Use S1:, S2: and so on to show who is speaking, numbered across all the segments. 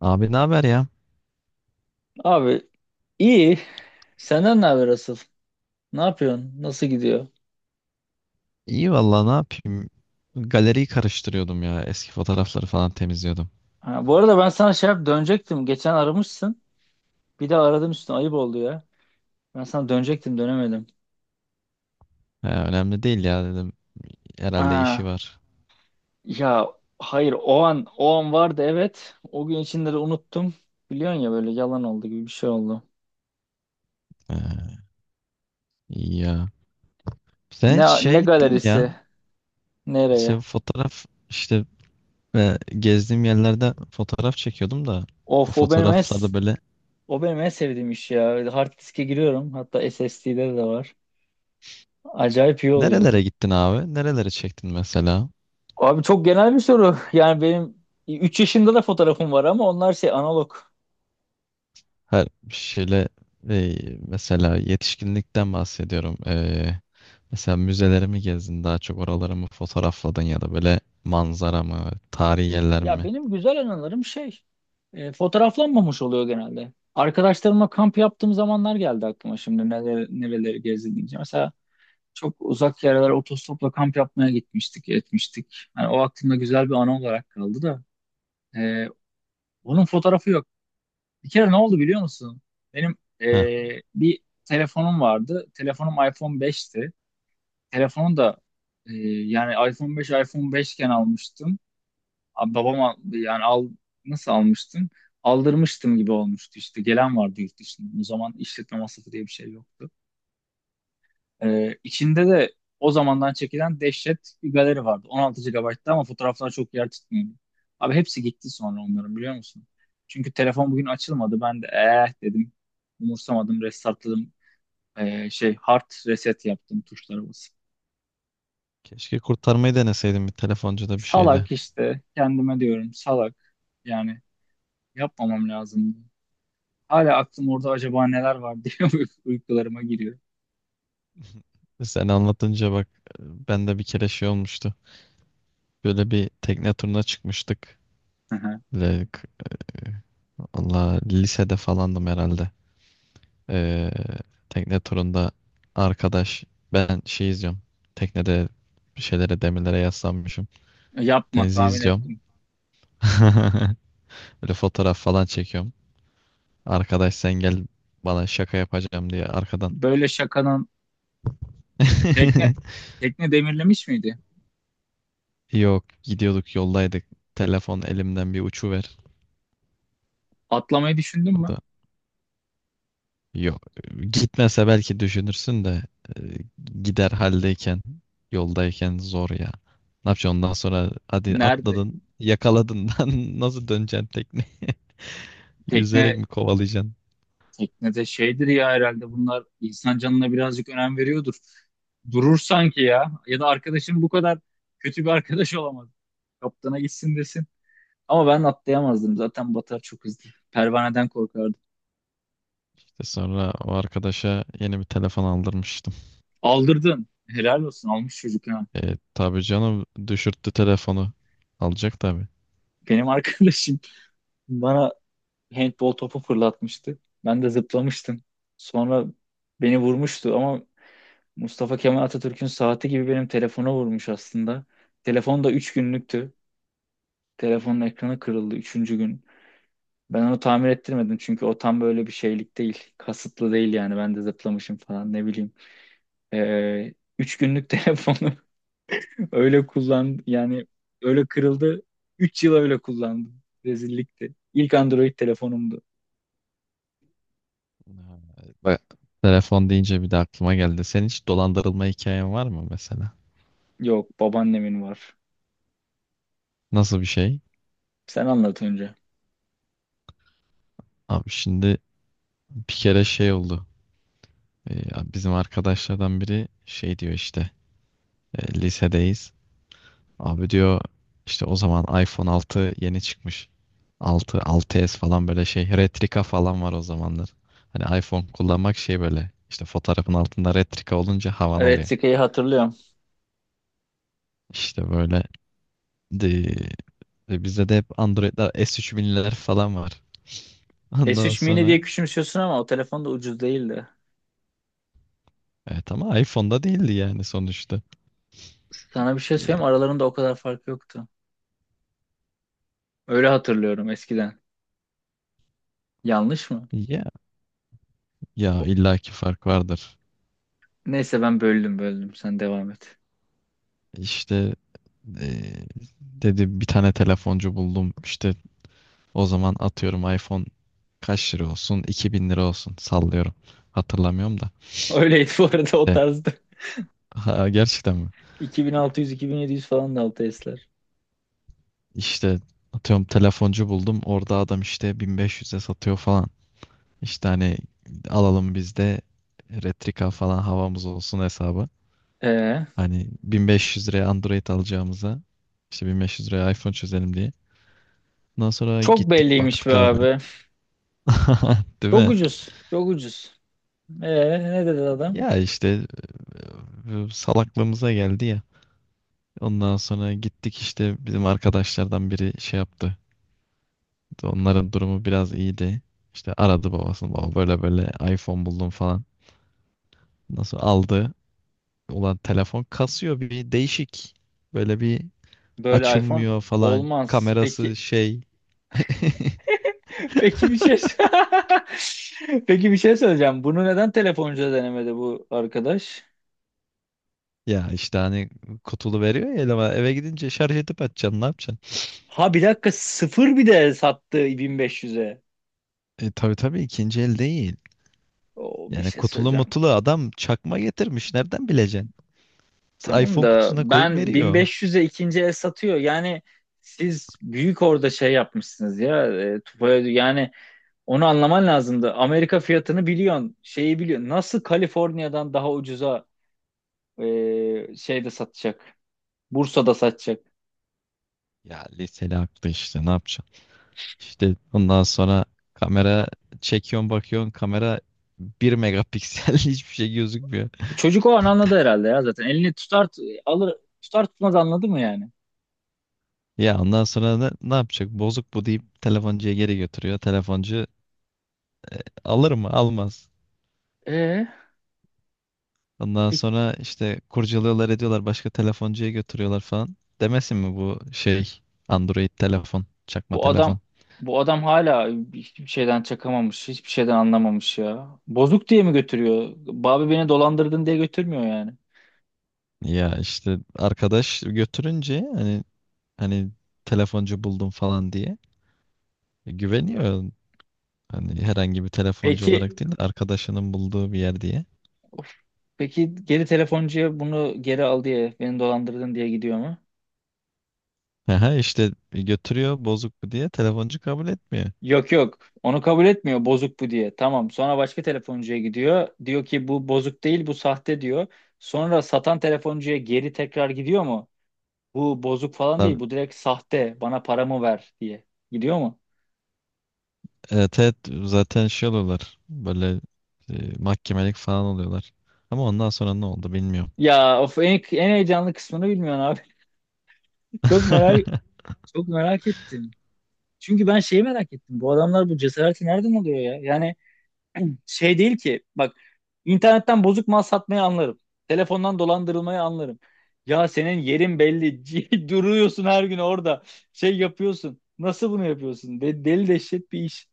S1: Abi ne haber ya?
S2: Abi iyi. Senden ne haber asıl? Ne yapıyorsun? Nasıl gidiyor?
S1: İyi vallahi ne yapayım? Galeriyi karıştırıyordum ya. Eski fotoğrafları falan temizliyordum.
S2: Ha, bu arada ben sana şey yap dönecektim. Geçen aramışsın. Bir de aradım üstüne, ayıp oldu ya. Ben sana dönecektim, dönemedim.
S1: He, önemli değil ya dedim. Herhalde işi
S2: Ha,
S1: var.
S2: ya hayır, o an vardı, evet. O gün içinde de unuttum. Biliyorsun ya, böyle yalan oldu gibi bir şey oldu.
S1: He, iyi ya. Sen hiç
S2: Ne
S1: şeye gittin mi ya?
S2: galerisi?
S1: Sen
S2: Nereye?
S1: fotoğraf işte gezdiğim yerlerde fotoğraf çekiyordum da o
S2: Of,
S1: fotoğraflarda böyle
S2: o benim en sevdiğim iş ya. Hard diske giriyorum. Hatta SSD'de de var. Acayip iyi oluyor.
S1: nerelere gittin abi? Nerelere çektin mesela?
S2: Abi, çok genel bir soru. Yani benim 3 yaşında da fotoğrafım var ama onlar şey, analog.
S1: Her şeyle e, mesela yetişkinlikten bahsediyorum. E, Mesela müzeleri mi gezdin, daha çok oraları mı fotoğrafladın ya da böyle manzara mı, tarihi yerler
S2: Ya
S1: mi?
S2: benim güzel anılarım fotoğraflanmamış oluyor genelde. Arkadaşlarımla kamp yaptığım zamanlar geldi aklıma, şimdi neler, nereleri gezdim diyeceğim. Mesela çok uzak yerlere otostopla kamp yapmaya gitmiştik, etmiştik. Yani o aklımda güzel bir anı olarak kaldı da. e, Onun fotoğrafı yok. Bir kere ne oldu biliyor musun? Benim
S1: Heh,
S2: bir telefonum vardı. Telefonum iPhone 5'ti. Telefonu da e, yani, iPhone 5 iPhone 5 iken almıştım. Abi, babam yani al, nasıl almıştım? Aldırmıştım gibi olmuştu işte. Gelen vardı yurt dışından. O zaman işletme masrafı diye bir şey yoktu. İçinde de o zamandan çekilen dehşet bir galeri vardı. 16 GB'tı ama fotoğraflar çok yer tutmuyordu. Abi, hepsi gitti sonra onların, biliyor musun? Çünkü telefon bugün açılmadı. Ben de eh dedim. Umursamadım, restartladım. Şey, hard reset yaptım tuşlara basıp.
S1: keşke kurtarmayı deneseydim bir telefoncuda bir şeyde.
S2: Salak işte, kendime diyorum salak. Yani yapmamam lazımdı. Hala aklım orada, acaba neler var diye, uykularıma giriyor.
S1: Sen anlatınca bak, ben de bir kere şey olmuştu. Böyle bir tekne turuna çıkmıştık.
S2: Hı hı.
S1: Böyle k- Allah lisede falandım herhalde. Ee, Tekne turunda arkadaş, ben şey izliyorum. Teknede bir şeylere, demirlere yaslanmışım.
S2: Yapma,
S1: Denizi
S2: tahmin
S1: izliyorum.
S2: ettim.
S1: Böyle fotoğraf falan çekiyorum. Arkadaş sen gel bana şaka yapacağım diye arkadan.
S2: Böyle şakanın... tekne tekne demirlemiş miydi?
S1: Yok, gidiyorduk, yoldaydık. Telefon elimden bir uçuver.
S2: Atlamayı düşündün
S1: O
S2: mü?
S1: da yok. Gitmese belki düşünürsün de e, gider haldeyken, yoldayken zor ya. Ne yapacaksın ondan sonra, hadi
S2: Nerede?
S1: atladın, yakaladın. Lan nasıl döneceksin tekneye?
S2: Tekne
S1: Yüzerek mi kovalayacaksın?
S2: Teknede şeydir ya, herhalde bunlar insan canına birazcık önem veriyordur. Durur sanki ya. Ya da arkadaşın bu kadar kötü bir arkadaş olamaz. Kaptana gitsin, desin. Ama ben atlayamazdım. Zaten batar çok hızlı. Pervaneden korkardım.
S1: İşte sonra o arkadaşa yeni bir telefon aldırmıştım.
S2: Aldırdın. Helal olsun. Almış çocuk, ha.
S1: E, tabii canım, düşürttü telefonu. Alacak tabii.
S2: Benim arkadaşım bana handball topu fırlatmıştı. Ben de zıplamıştım. Sonra beni vurmuştu ama Mustafa Kemal Atatürk'ün saati gibi benim telefona vurmuş aslında. Telefon da 3 günlüktü. Telefonun ekranı kırıldı üçüncü gün. Ben onu tamir ettirmedim çünkü o tam böyle bir şeylik değil. Kasıtlı değil yani, ben de zıplamışım falan, ne bileyim. Ee, 3 günlük telefonu öyle kullan yani, öyle kırıldı. 3 yıl öyle kullandım. Rezillikti. İlk Android telefonumdu.
S1: Ha, bak, telefon deyince bir de aklıma geldi. Senin hiç dolandırılma hikayen var mı mesela?
S2: Yok, babaannemin var.
S1: Nasıl bir şey?
S2: Sen anlat önce.
S1: Abi şimdi bir kere şey oldu. Bizim arkadaşlardan biri şey diyor işte, lisedeyiz. Abi diyor, işte o zaman iPhone 6 yeni çıkmış. 6 6s falan böyle şey. Retrika falan var o zamanlar. Hani iPhone kullanmak şey böyle. İşte fotoğrafın altında retrika olunca havan
S2: Evet,
S1: oluyor.
S2: Retica'yı hatırlıyorum.
S1: İşte böyle de, bizde de hep Android'ler, S3000'ler falan var.
S2: S
S1: Ondan
S2: üç mini diye
S1: sonra
S2: küçümsüyorsun ama o telefon da ucuz değildi.
S1: evet, ama iPhone'da değildi yani sonuçta.
S2: Sana bir şey söyleyeyim,
S1: E,
S2: aralarında o kadar fark yoktu. Öyle hatırlıyorum eskiden. Yanlış mı?
S1: ya, ya
S2: O-
S1: illaki fark vardır.
S2: Neyse, ben böldüm, sen devam et.
S1: İşte e, dedi bir tane telefoncu buldum. İşte o zaman atıyorum iPhone kaç lira olsun? 2000 lira olsun. Sallıyorum. Hatırlamıyorum da.
S2: Öyleydi bu arada, o
S1: E,
S2: tarzda.
S1: ha, gerçekten mi?
S2: 2600-2700 falan da altı S'ler.
S1: İşte atıyorum telefoncu buldum. Orada adam işte 1500'e satıyor falan. İşte hani alalım biz de Retrika falan havamız olsun hesabı.
S2: Ee,
S1: Hani 1500 liraya Android alacağımıza işte 1500 liraya iPhone çözelim diye. Ondan sonra
S2: çok
S1: gittik
S2: belliymiş be
S1: baktık abi.
S2: abi.
S1: Değil
S2: Çok
S1: mi?
S2: ucuz. Çok ucuz. Ne dedi adam?
S1: Ya işte salaklığımıza geldi ya. Ondan sonra gittik, işte bizim arkadaşlardan biri şey yaptı. Onların durumu biraz iyiydi. İşte aradı babasını. Baba böyle böyle iPhone buldum falan. Nasıl aldı? Ulan telefon kasıyor bir değişik. Böyle bir
S2: Böyle iPhone
S1: açılmıyor falan.
S2: olmaz.
S1: Kamerası
S2: Peki
S1: şey.
S2: peki bir şey Peki, bir şey söyleyeceğim. Bunu neden telefoncuda denemedi bu arkadaş?
S1: Ya işte hani kutulu veriyor ya eleme. Eve gidince şarj edip açacaksın, ne yapacaksın?
S2: Ha, bir dakika, sıfır bir de sattı 1500'e.
S1: E tabii tabii, ikinci el değil.
S2: O, bir
S1: Yani
S2: şey
S1: kutulu
S2: söyleyeceğim.
S1: mutulu adam çakma getirmiş. Nereden bileceksin? Kız
S2: Tamam
S1: iPhone
S2: da
S1: kutusuna koyup
S2: ben
S1: veriyor.
S2: 1500'e ikinci el satıyor. Yani siz büyük orada şey yapmışsınız ya. E, Tufaya- yani, onu anlaman lazımdı. Amerika fiyatını biliyorsun, şeyi biliyorsun. Nasıl Kaliforniya'dan daha ucuza... şeyde satacak. Bursa'da satacak.
S1: Ya liseli aklı işte, ne yapacaksın? İşte ondan sonra kamera çekiyorsun, bakıyorsun kamera bir megapiksel, hiçbir şey gözükmüyor.
S2: Çocuk o an anladı herhalde ya, zaten. Elini tutar, alır, tutar tutmaz anladı mı yani?
S1: Ya ondan sonra ne yapacak? Bozuk bu deyip telefoncuya geri götürüyor. Telefoncu alır mı? Almaz.
S2: Ee,
S1: Ondan
S2: bir-
S1: sonra işte kurcalıyorlar, ediyorlar, başka telefoncuya götürüyorlar falan. Demesin mi bu şey Android telefon, çakma
S2: bu adam
S1: telefon.
S2: bu adam hala hiçbir şeyden çakamamış, hiçbir şeyden anlamamış ya. Bozuk diye mi götürüyor? Babi, beni dolandırdın diye götürmüyor yani.
S1: Ya işte arkadaş götürünce hani telefoncu buldum falan diye güveniyor. Hani herhangi bir telefoncu olarak
S2: Peki
S1: değil de arkadaşının bulduğu bir yer diye.
S2: peki geri telefoncuya, bunu geri al diye, beni dolandırdın diye gidiyor mu?
S1: Aha işte götürüyor bozuk bu diye, telefoncu kabul etmiyor.
S2: Yok yok. Onu kabul etmiyor, bozuk bu diye. Tamam. Sonra başka telefoncuya gidiyor. Diyor ki bu bozuk değil, bu sahte diyor. Sonra satan telefoncuya geri tekrar gidiyor mu? Bu bozuk falan
S1: Tabii,
S2: değil, bu direkt sahte. Bana paramı ver diye. Gidiyor mu?
S1: evet, evet, zaten şey oluyorlar böyle mahkemelik falan oluyorlar. Ama ondan sonra ne oldu bilmiyorum.
S2: Ya of, en heyecanlı kısmını bilmiyorsun abi. Çok merak çok merak ettim. Çünkü ben şeyi merak ettim. Bu adamlar bu cesareti nereden alıyor ya? Yani, şey değil ki bak, internetten bozuk mal satmayı anlarım. Telefondan dolandırılmayı anlarım. Ya senin yerin belli. Duruyorsun her gün orada. Şey yapıyorsun. Nasıl bunu yapıyorsun? Deli dehşet bir iş.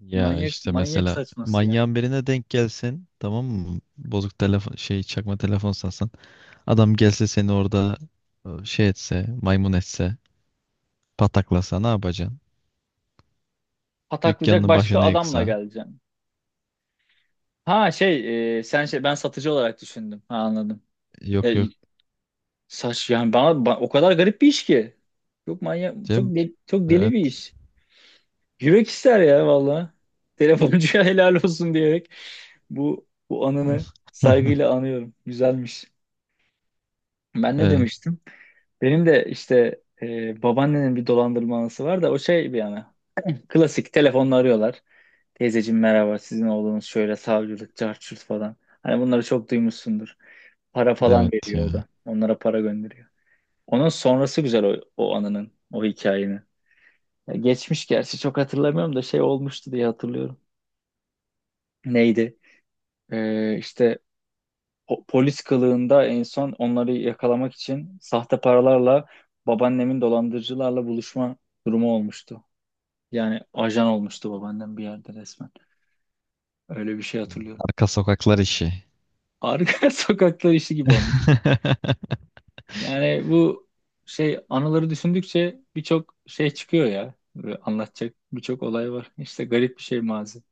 S1: Ya
S2: Manyak,
S1: işte
S2: manyak
S1: mesela
S2: saçması yani.
S1: manyağın birine denk gelsin tamam mı? Bozuk telefon, şey çakma telefon satsan. Adam gelse seni orada şey etse, maymun etse, pataklasa ne yapacaksın?
S2: Pataklayacak,
S1: Dükkanının
S2: başka
S1: başını
S2: adamla
S1: yıksa.
S2: geleceğim. Ha, sen ben satıcı olarak düşündüm. Ha, anladım. E,
S1: Yok, yok.
S2: Saç yani bana, o kadar garip bir iş ki. Çok manyak, çok
S1: Cem,
S2: deli, çok deli bir
S1: evet.
S2: iş. Yürek ister ya valla. Telefoncuya helal olsun diyerek bu anını saygıyla anıyorum. Güzelmiş. Ben ne
S1: Evet,
S2: demiştim? Benim de işte babaannenin bir dolandırma anısı var da, o şey bir yana. Klasik, telefonla arıyorlar. Teyzeciğim merhaba, sizin oğlunuz şöyle, savcılık, cart curt falan. Hani bunları çok duymuşsundur. Para falan
S1: evet
S2: veriyor o
S1: ya.
S2: da. Onlara para gönderiyor. Onun sonrası güzel, o anının, o hikayenin. Ya geçmiş, gerçi çok hatırlamıyorum da şey olmuştu diye hatırlıyorum. Neydi? İşte polis kılığında en son onları yakalamak için sahte paralarla babaannemin dolandırıcılarla buluşma durumu olmuştu. Yani ajan olmuştu babaannem bir yerde resmen. Öyle bir şey hatırlıyorum.
S1: Arka sokaklar işi.
S2: Arka sokaklar işi gibi olmuş. Yani bu şey, anıları düşündükçe birçok şey çıkıyor ya. Böyle anlatacak birçok olay var. İşte garip bir şey, mazi.